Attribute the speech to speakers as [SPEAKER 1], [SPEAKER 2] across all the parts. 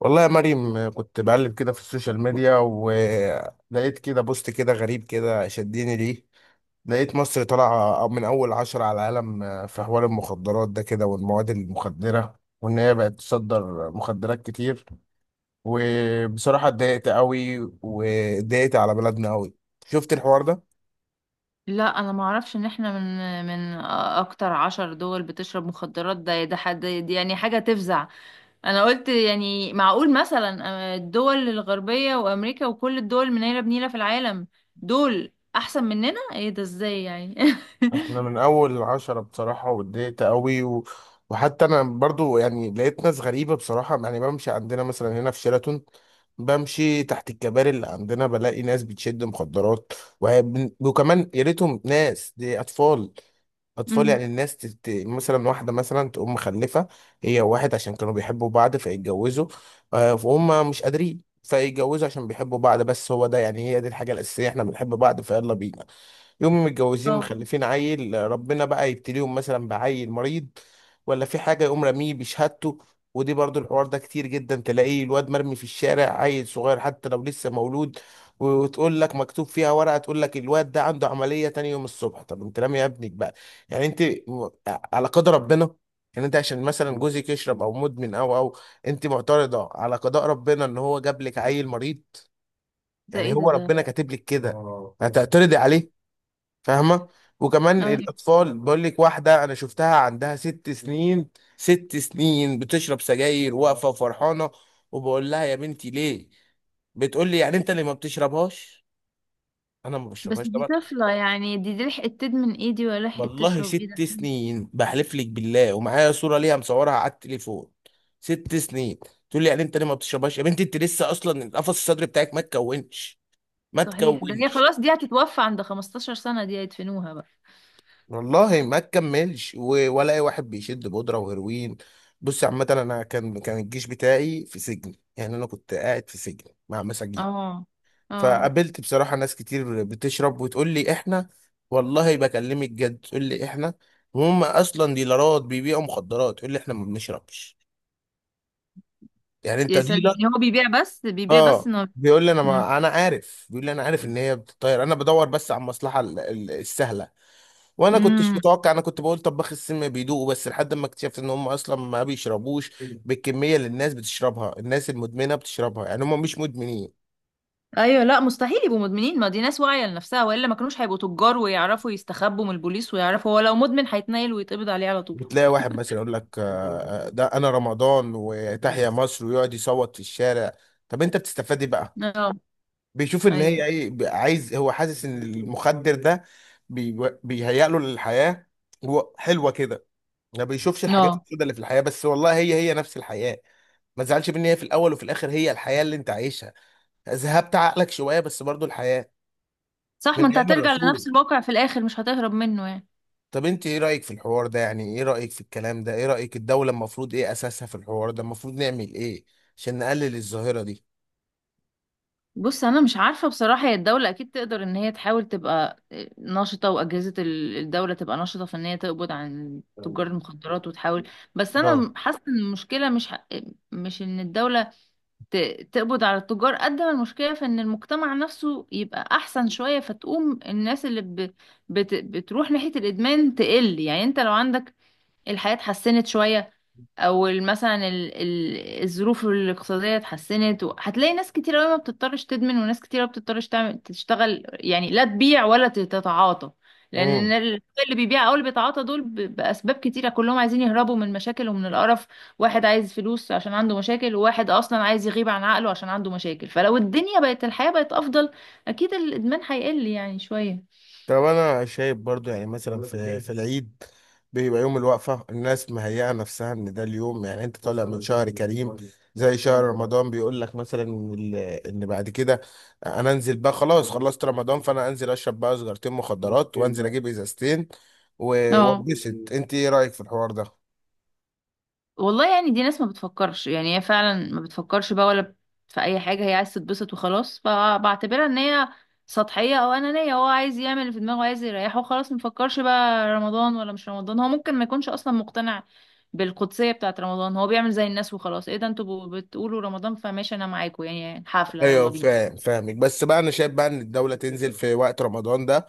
[SPEAKER 1] والله يا مريم، كنت بقلب كده في السوشيال ميديا، ولقيت كده بوست كده غريب كده، شدني ليه. لقيت مصر طالعة من أول 10 على العالم في حوار المخدرات ده كده، والمواد المخدرة، وإن هي بقت تصدر مخدرات كتير. وبصراحة اتضايقت قوي، واتضايقت على بلدنا قوي. شفت الحوار ده؟
[SPEAKER 2] لا، انا ما اعرفش ان احنا من اكتر عشر دول بتشرب مخدرات. ده حد دي، يعني حاجه تفزع. انا قلت يعني معقول مثلا؟ الدول الغربيه وامريكا وكل الدول منيله بنيله في العالم، دول احسن مننا؟ ايه ده؟ ازاي يعني؟
[SPEAKER 1] احنا من اول 10 بصراحة، واتضايقت قوي وحتى انا برضو يعني لقيت ناس غريبة بصراحة، يعني بمشي عندنا مثلا هنا في شيراتون. بمشي تحت الكباري اللي عندنا، بلاقي ناس بتشد مخدرات. وكمان يا ريتهم ناس دي اطفال. اطفال،
[SPEAKER 2] امم.
[SPEAKER 1] يعني الناس مثلا واحدة مثلا تقوم مخلفة. هي وواحد، عشان كانوا بيحبوا بعض فيتجوزوا. فهم مش قادرين فيتجوزوا عشان بيحبوا بعض، بس هو ده يعني، هي دي الحاجة الأساسية، احنا بنحب بعض فيلا بينا. يوم متجوزين،
[SPEAKER 2] اه.
[SPEAKER 1] مخلفين عيل، ربنا بقى يبتليهم مثلا بعيل مريض. ولا في حاجة، يقوم راميه بشهادته. ودي برضو الحوار ده كتير جدا، تلاقيه الواد مرمي في الشارع، عيل صغير حتى لو لسه مولود. وتقول لك مكتوب فيها ورقة، تقول لك الواد ده عنده عملية تاني يوم الصبح. طب انت رامي يا ابنك بقى. يعني انت على قدر ربنا. يعني انت عشان مثلا جوزك يشرب او مدمن او. انت معترضة على قضاء ربنا ان هو جاب لك عيل مريض؟
[SPEAKER 2] ده
[SPEAKER 1] يعني
[SPEAKER 2] ايه ده
[SPEAKER 1] هو
[SPEAKER 2] ده
[SPEAKER 1] ربنا كاتب لك كده، هتعترضي عليه؟ فاهمه؟ وكمان
[SPEAKER 2] أيوة.
[SPEAKER 1] الاطفال، بقول لك واحده انا شفتها عندها 6 سنين. 6 سنين بتشرب سجاير، واقفه وفرحانه. وبقول لها يا بنتي ليه؟ بتقول لي، يعني انت اللي ما بتشربهاش؟ انا ما
[SPEAKER 2] بس
[SPEAKER 1] بشربهاش
[SPEAKER 2] دي
[SPEAKER 1] طبعا.
[SPEAKER 2] طفله، يعني دي لحقت تدمن ايه دي؟ ولا لحقت
[SPEAKER 1] والله
[SPEAKER 2] تشرب ايه
[SPEAKER 1] ست
[SPEAKER 2] ده؟
[SPEAKER 1] سنين بحلف لك بالله ومعايا صوره ليها مصورها على التليفون. 6 سنين. تقول لي، يعني انت اللي ما بتشربهاش. يا بنتي انت لسه اصلا، القفص الصدري بتاعك ما تكونش. ما
[SPEAKER 2] صحيح، ده هي
[SPEAKER 1] تكونش.
[SPEAKER 2] خلاص دي هتتوفى عند 15 سنه، دي هيدفنوها بقى.
[SPEAKER 1] والله ما تكملش ولا اي واحد بيشد بودره وهيروين. بص عامه، انا كان الجيش بتاعي في سجن، يعني انا كنت قاعد في سجن مع مساجين.
[SPEAKER 2] اه. اه.
[SPEAKER 1] فقابلت بصراحه ناس كتير بتشرب، وتقول لي احنا. والله بكلمك جد، تقول لي احنا. وهم اصلا ديلرات بيبيعوا مخدرات، تقول لي احنا ما بنشربش. يعني انت
[SPEAKER 2] يا سلام،
[SPEAKER 1] ديلر.
[SPEAKER 2] يعني هو بيبيع بس، بيبيع بس
[SPEAKER 1] اه
[SPEAKER 2] انه
[SPEAKER 1] بيقول لي انا، ما انا عارف، بيقول لي انا عارف ان هي بتطير، انا بدور بس على المصلحه السهله. وانا كنتش
[SPEAKER 2] امم
[SPEAKER 1] متوقع، انا كنت بقول طباخ السم بيدوقوا، بس لحد ما اكتشفت ان هم اصلا ما بيشربوش بالكميه اللي الناس بتشربها، الناس المدمنه بتشربها، يعني هم مش مدمنين.
[SPEAKER 2] ايوه، لا، مستحيل يبقوا مدمنين، ما دي ناس واعيه لنفسها، والا ما كانوش هيبقوا تجار ويعرفوا يستخبوا من البوليس، ويعرفوا هو لو مدمن هيتنيل ويتقبض عليه على طول.
[SPEAKER 1] بتلاقي واحد مثلا يقول لك آه، آه، ده انا رمضان وتحيا مصر، ويقعد يصوت في الشارع. طب انت بتستفاد ايه بقى؟
[SPEAKER 2] اه.
[SPEAKER 1] بيشوف ان هي
[SPEAKER 2] ايوه.
[SPEAKER 1] ايه، عايز، هو حاسس ان المخدر ده بيهيأ له للحياه. حلوه كده. ما بيشوفش الحاجات
[SPEAKER 2] اه
[SPEAKER 1] السوداء اللي في الحياه، بس والله هي هي نفس الحياه. ما تزعلش مني، هي في الاول وفي الاخر هي الحياه اللي انت عايشها. ذهبت عقلك شويه، بس برضو الحياه.
[SPEAKER 2] صح،
[SPEAKER 1] من
[SPEAKER 2] ما انت
[SPEAKER 1] ايام
[SPEAKER 2] هترجع
[SPEAKER 1] الرسول.
[SPEAKER 2] لنفس الواقع في الاخر، مش هتهرب منه يعني.
[SPEAKER 1] طب انت ايه رايك في الحوار ده؟ يعني ايه رايك في الكلام ده؟ ايه رايك الدوله المفروض ايه اساسها في الحوار ده؟ المفروض نعمل ايه؟ عشان نقلل الظاهره دي.
[SPEAKER 2] بص، انا مش عارفه بصراحه، هي الدوله اكيد تقدر ان هي تحاول تبقى نشطه، واجهزه الدوله تبقى نشطه في ان هي تقبض عن تجار المخدرات وتحاول. بس
[SPEAKER 1] اه.
[SPEAKER 2] انا حاسه ان المشكله مش ان الدوله تقبض على التجار، قد ما المشكلة في ان المجتمع نفسه يبقى احسن شوية، فتقوم الناس اللي بتروح ناحية الادمان تقل. يعني انت لو عندك الحياة اتحسنت شوية، او مثلا الظروف الاقتصادية اتحسنت، هتلاقي ناس كتير قوي ما بتضطرش تدمن، وناس كتير ما بتضطرش تعمل، تشتغل يعني، لا تبيع ولا تتعاطى.
[SPEAKER 1] امم.
[SPEAKER 2] لان اللي بيبيع او اللي بيتعاطى دول باسباب كتيرة، كلهم عايزين يهربوا من مشاكل ومن القرف. واحد عايز فلوس عشان عنده مشاكل، وواحد اصلا عايز يغيب عن عقله عشان عنده مشاكل، فلو الدنيا بقت، الحياة بقت افضل، اكيد الادمان هيقل يعني شوية.
[SPEAKER 1] طب انا شايف برضو يعني مثلا في العيد. بيبقى يوم الوقفة، الناس مهيئة نفسها ان ده اليوم، يعني انت طالع من شهر كريم. زي شهر رمضان، بيقول لك مثلا إن بعد كده. انا انزل بقى خلاص خلصت رمضان، فانا انزل اشرب بقى سجارتين مخدرات، وانزل اجيب ازازتين
[SPEAKER 2] اه.
[SPEAKER 1] وانبسط. انت ايه رأيك في الحوار ده؟
[SPEAKER 2] والله يعني دي ناس ما بتفكرش، يعني هي فعلا ما بتفكرش بقى ولا في اي حاجه، هي عايز تتبسط وخلاص. فبعتبرها ان هي سطحيه او انانيه، هو عايز يعمل اللي في دماغه، عايز يريحه وخلاص، ما بيفكرش بقى رمضان ولا مش رمضان. هو ممكن ما يكونش اصلا مقتنع بالقدسيه بتاعه رمضان، هو بيعمل زي الناس وخلاص. ايه ده، انتوا بتقولوا رمضان؟ فماشي، انا معاكم، يعني حفله، يلا
[SPEAKER 1] ايوه،
[SPEAKER 2] بينا.
[SPEAKER 1] فاهمك. بس بقى انا شايف بقى ان الدولة تنزل في وقت رمضان ده،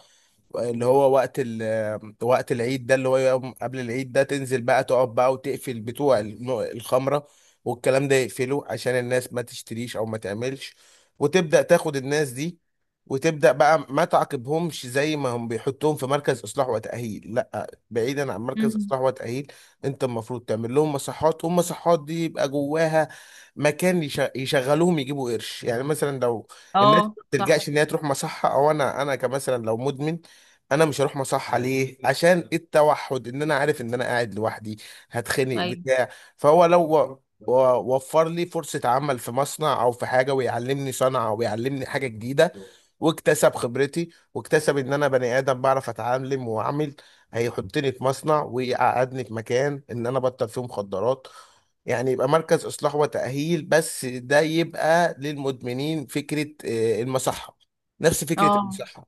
[SPEAKER 1] اللي هو وقت العيد ده، اللي هو يوم قبل العيد ده، تنزل بقى تقعد بقى وتقفل بتوع الخمرة. والكلام ده يقفله عشان الناس ما تشتريش او ما تعملش. وتبدأ تاخد الناس دي. وتبدأ بقى ما تعاقبهمش زي ما هم بيحطوهم في مركز اصلاح وتأهيل، لا، بعيدا عن مركز
[SPEAKER 2] مم.
[SPEAKER 1] اصلاح وتأهيل. انت المفروض تعمل لهم مصحات، والمصحات دي يبقى جواها مكان يشغلوهم، يجيبوا قرش، يعني مثلا لو الناس
[SPEAKER 2] اه
[SPEAKER 1] ما
[SPEAKER 2] صح.
[SPEAKER 1] بتلجأش ان هي تروح مصحة، او انا كمثلا لو مدمن. انا مش هروح مصحة، ليه؟ عشان التوحد، ان انا عارف ان انا قاعد لوحدي، هتخنق
[SPEAKER 2] ايوه.
[SPEAKER 1] بتاع. فهو لو وفر لي فرصة عمل في مصنع او في حاجة، ويعلمني صنعة ويعلمني حاجة جديدة. واكتسب خبرتي، واكتسب ان انا بني ادم بعرف اتعلم واعمل. هيحطني في مصنع، ويقعدني في مكان ان انا بطل فيه مخدرات. يعني يبقى مركز اصلاح وتأهيل، بس ده يبقى للمدمنين، فكرة المصحة. نفس فكرة
[SPEAKER 2] اه.
[SPEAKER 1] المصحة.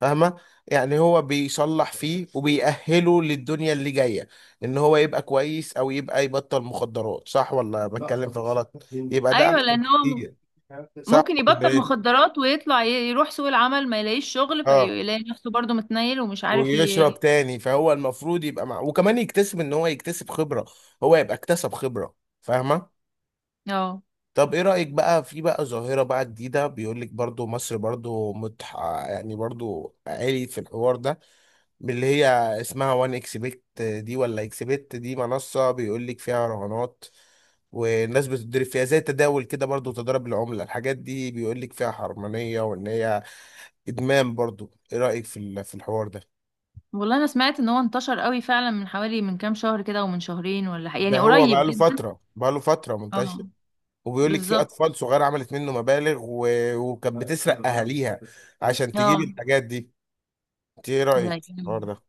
[SPEAKER 1] فاهمة؟ يعني هو بيصلح فيه، وبيأهله للدنيا اللي جاية. ان هو يبقى كويس، او يبقى يبطل مخدرات. صح ولا بتكلم في غلط؟ يبقى ده
[SPEAKER 2] ايوه،
[SPEAKER 1] احسن
[SPEAKER 2] لان هو
[SPEAKER 1] بكتير. صح.
[SPEAKER 2] ممكن
[SPEAKER 1] ولا
[SPEAKER 2] يبطل
[SPEAKER 1] ايه؟
[SPEAKER 2] مخدرات ويطلع يروح سوق العمل، ما يلاقيش شغل،
[SPEAKER 1] اه
[SPEAKER 2] فيلاقي نفسه برضه متنيل ومش عارف.
[SPEAKER 1] ويشرب تاني، فهو المفروض يبقى مع، وكمان يكتسب ان هو يكتسب خبرة. هو يبقى اكتسب خبرة. فاهمة؟
[SPEAKER 2] اه.
[SPEAKER 1] طب ايه رأيك بقى في بقى ظاهرة بقى جديدة، بيقول لك برضو مصر برضو يعني برضو عالي في الحوار ده، باللي هي اسمها وان اكس بت دي، ولا اكس بت دي، منصة بيقول لك فيها رهانات. والناس بتضرب فيها زي تداول كده برضو، تضارب العملة، الحاجات دي بيقول لك فيها حرمانية، وان هي ادمان برضو. ايه رأيك في في الحوار ده؟
[SPEAKER 2] والله انا سمعت ان هو انتشر قوي فعلا من حوالي، من كام شهر كده ومن شهرين، ولا يعني
[SPEAKER 1] ده هو
[SPEAKER 2] قريب
[SPEAKER 1] بقاله
[SPEAKER 2] جدا.
[SPEAKER 1] فترة بقاله فترة منتشر.
[SPEAKER 2] اه.
[SPEAKER 1] وبيقول لك في
[SPEAKER 2] بالظبط.
[SPEAKER 1] اطفال صغيرة عملت منه مبالغ وكانت بتسرق اهاليها، عشان تجيب
[SPEAKER 2] اه.
[SPEAKER 1] الحاجات دي. انت ايه
[SPEAKER 2] لا،
[SPEAKER 1] رأيك في الحوار ده؟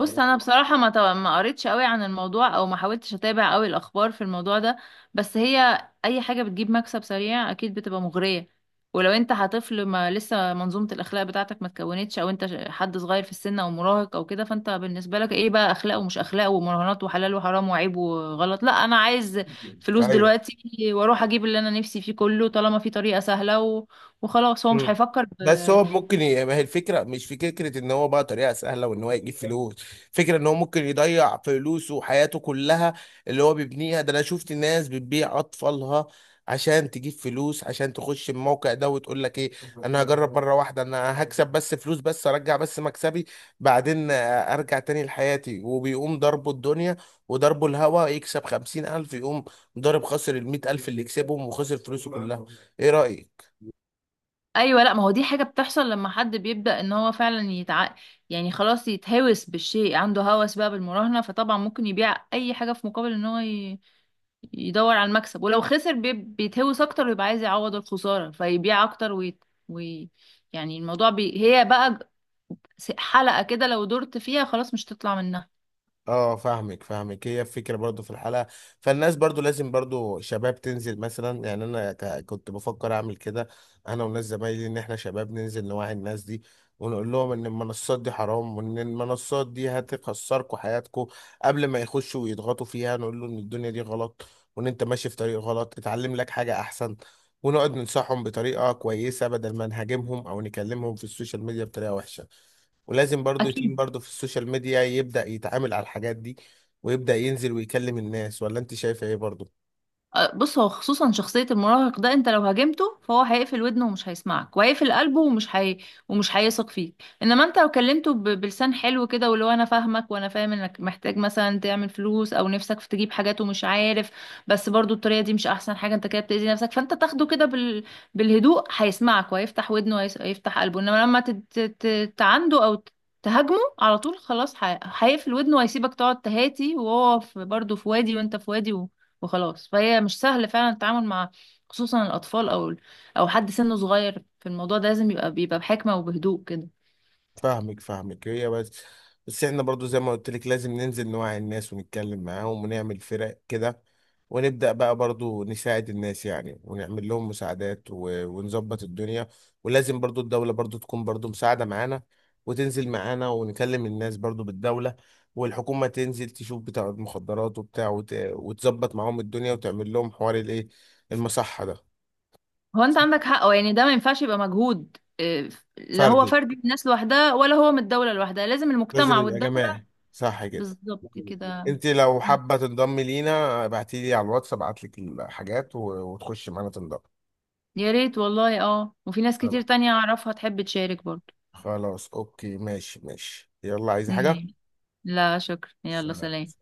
[SPEAKER 2] بص، انا بصراحه ما قريتش قوي عن الموضوع، او ما حاولتش اتابع قوي الاخبار في الموضوع ده. بس هي اي حاجه بتجيب مكسب سريع اكيد بتبقى مغريه. ولو انت هطفل، ما لسه منظومه الاخلاق بتاعتك ما اتكونتش، او انت حد صغير في السن، او مراهق او كده، فانت بالنسبه لك ايه بقى اخلاق ومش اخلاق، ومراهنات وحلال وحرام وعيب وغلط. لا، انا عايز فلوس
[SPEAKER 1] ايوه.
[SPEAKER 2] دلوقتي، واروح اجيب اللي انا نفسي فيه كله، طالما في طريقه سهله وخلاص. هو مش
[SPEAKER 1] مم.
[SPEAKER 2] هيفكر.
[SPEAKER 1] بس هو ممكن ما هي الفكره، مش في فكره ان هو بقى طريقه سهله وان هو يجيب فلوس. فكره ان هو ممكن يضيع فلوسه وحياته كلها اللي هو بيبنيها ده، انا شفت ناس بتبيع اطفالها، عشان تجيب فلوس، عشان تخش الموقع ده، وتقول لك ايه. انا هجرب مره واحده، انا هكسب بس فلوس، بس ارجع بس مكسبي بعدين. ارجع تاني لحياتي، وبيقوم ضربه الدنيا وضربه الهوا، يكسب 50 الف يقوم ضارب، خسر 100 الف اللي كسبهم، وخسر فلوسه كلها. ايه رأيك؟
[SPEAKER 2] ايوه. لا، ما هو دي حاجه بتحصل لما حد بيبدا ان هو فعلا يعني خلاص يتهوس بالشيء، عنده هوس بقى بالمراهنه، فطبعا ممكن يبيع اي حاجه في مقابل ان هو يدور على المكسب. ولو خسر بيتهوس اكتر، ويبقى عايز يعوض الخساره فيبيع اكتر وي... يعني الموضوع هي بقى حلقه كده، لو درت فيها خلاص مش تطلع منها.
[SPEAKER 1] اه، فاهمك، هي الفكره برضو في الحلقه. فالناس برضو لازم برضو شباب تنزل مثلا، يعني انا كنت بفكر اعمل كده. انا والناس زمايلي، ان احنا شباب ننزل نوعي الناس دي، ونقول لهم ان المنصات دي حرام، وان المنصات دي هتخسركم حياتكم. قبل ما يخشوا ويضغطوا فيها، نقول له ان الدنيا دي غلط، وان انت ماشي في طريق غلط، اتعلم لك حاجه احسن. ونقعد ننصحهم بطريقه كويسه، بدل ما نهاجمهم او نكلمهم في السوشيال ميديا بطريقه وحشه. ولازم برضو يتيم
[SPEAKER 2] اكيد.
[SPEAKER 1] برضو في السوشيال ميديا يبدأ يتعامل على الحاجات دي، ويبدأ ينزل ويكلم الناس. ولا انت شايفة ايه برضو؟
[SPEAKER 2] بص، هو خصوصا شخصية المراهق ده، انت لو هاجمته فهو هيقفل ودنه ومش هيسمعك، وهيقفل قلبه ومش ومش هيثق فيك. انما انت لو كلمته بلسان حلو كده، واللي هو انا فاهمك، وانا فاهم انك محتاج مثلا تعمل فلوس، او نفسك في تجيب حاجات ومش عارف، بس برضو الطريقة دي مش احسن حاجة، انت كده بتأذي نفسك، فانت تاخده كده بالهدوء، هيسمعك وهيفتح ودنه وهيفتح قلبه. انما لما تعنده او تهاجمه على طول، خلاص هيقفل ودنه، وهيسيبك تقعد تهاتي، وهو في برضه في وادي وانت في وادي وخلاص. فهي مش سهل فعلا التعامل مع، خصوصا الأطفال، أو أو حد سنه صغير، في الموضوع ده لازم يبقى، بيبقى بحكمة وبهدوء كده.
[SPEAKER 1] فاهمك. هي بس، بس احنا برضو، زي ما قلت لك، لازم ننزل نوعي الناس ونتكلم معاهم ونعمل فرق كده. ونبدأ بقى برضو نساعد الناس يعني، ونعمل لهم مساعدات ونظبط الدنيا. ولازم برضو الدولة برضو تكون برضو مساعدة معانا، وتنزل معانا ونكلم الناس برضو بالدولة. والحكومة تنزل تشوف بتاع المخدرات وبتاع، وتظبط معاهم الدنيا، وتعمل لهم حوار الايه، المصحة ده.
[SPEAKER 2] هو أنت
[SPEAKER 1] صح.
[SPEAKER 2] عندك حق، أو يعني ده ما ينفعش يبقى مجهود. لا، هو
[SPEAKER 1] فردي،
[SPEAKER 2] فردي الناس لوحدها، ولا هو من الدولة لوحدها، لازم
[SPEAKER 1] لازم
[SPEAKER 2] المجتمع
[SPEAKER 1] يبقى
[SPEAKER 2] والدولة.
[SPEAKER 1] جماعي، صح كده؟
[SPEAKER 2] بالظبط كده.
[SPEAKER 1] انت لو
[SPEAKER 2] مم.
[SPEAKER 1] حابه تنضمي لينا، ابعتي لي على الواتس، ابعت لك الحاجات وتخشي معانا تنضمي.
[SPEAKER 2] يا ريت والله، اه، وفي ناس كتير
[SPEAKER 1] خلاص.
[SPEAKER 2] تانية أعرفها تحب تشارك برضه.
[SPEAKER 1] خلاص، اوكي، ماشي ماشي، يلا. عايزه حاجه؟
[SPEAKER 2] مم. لا شكرا، يلا سلام.
[SPEAKER 1] سلام.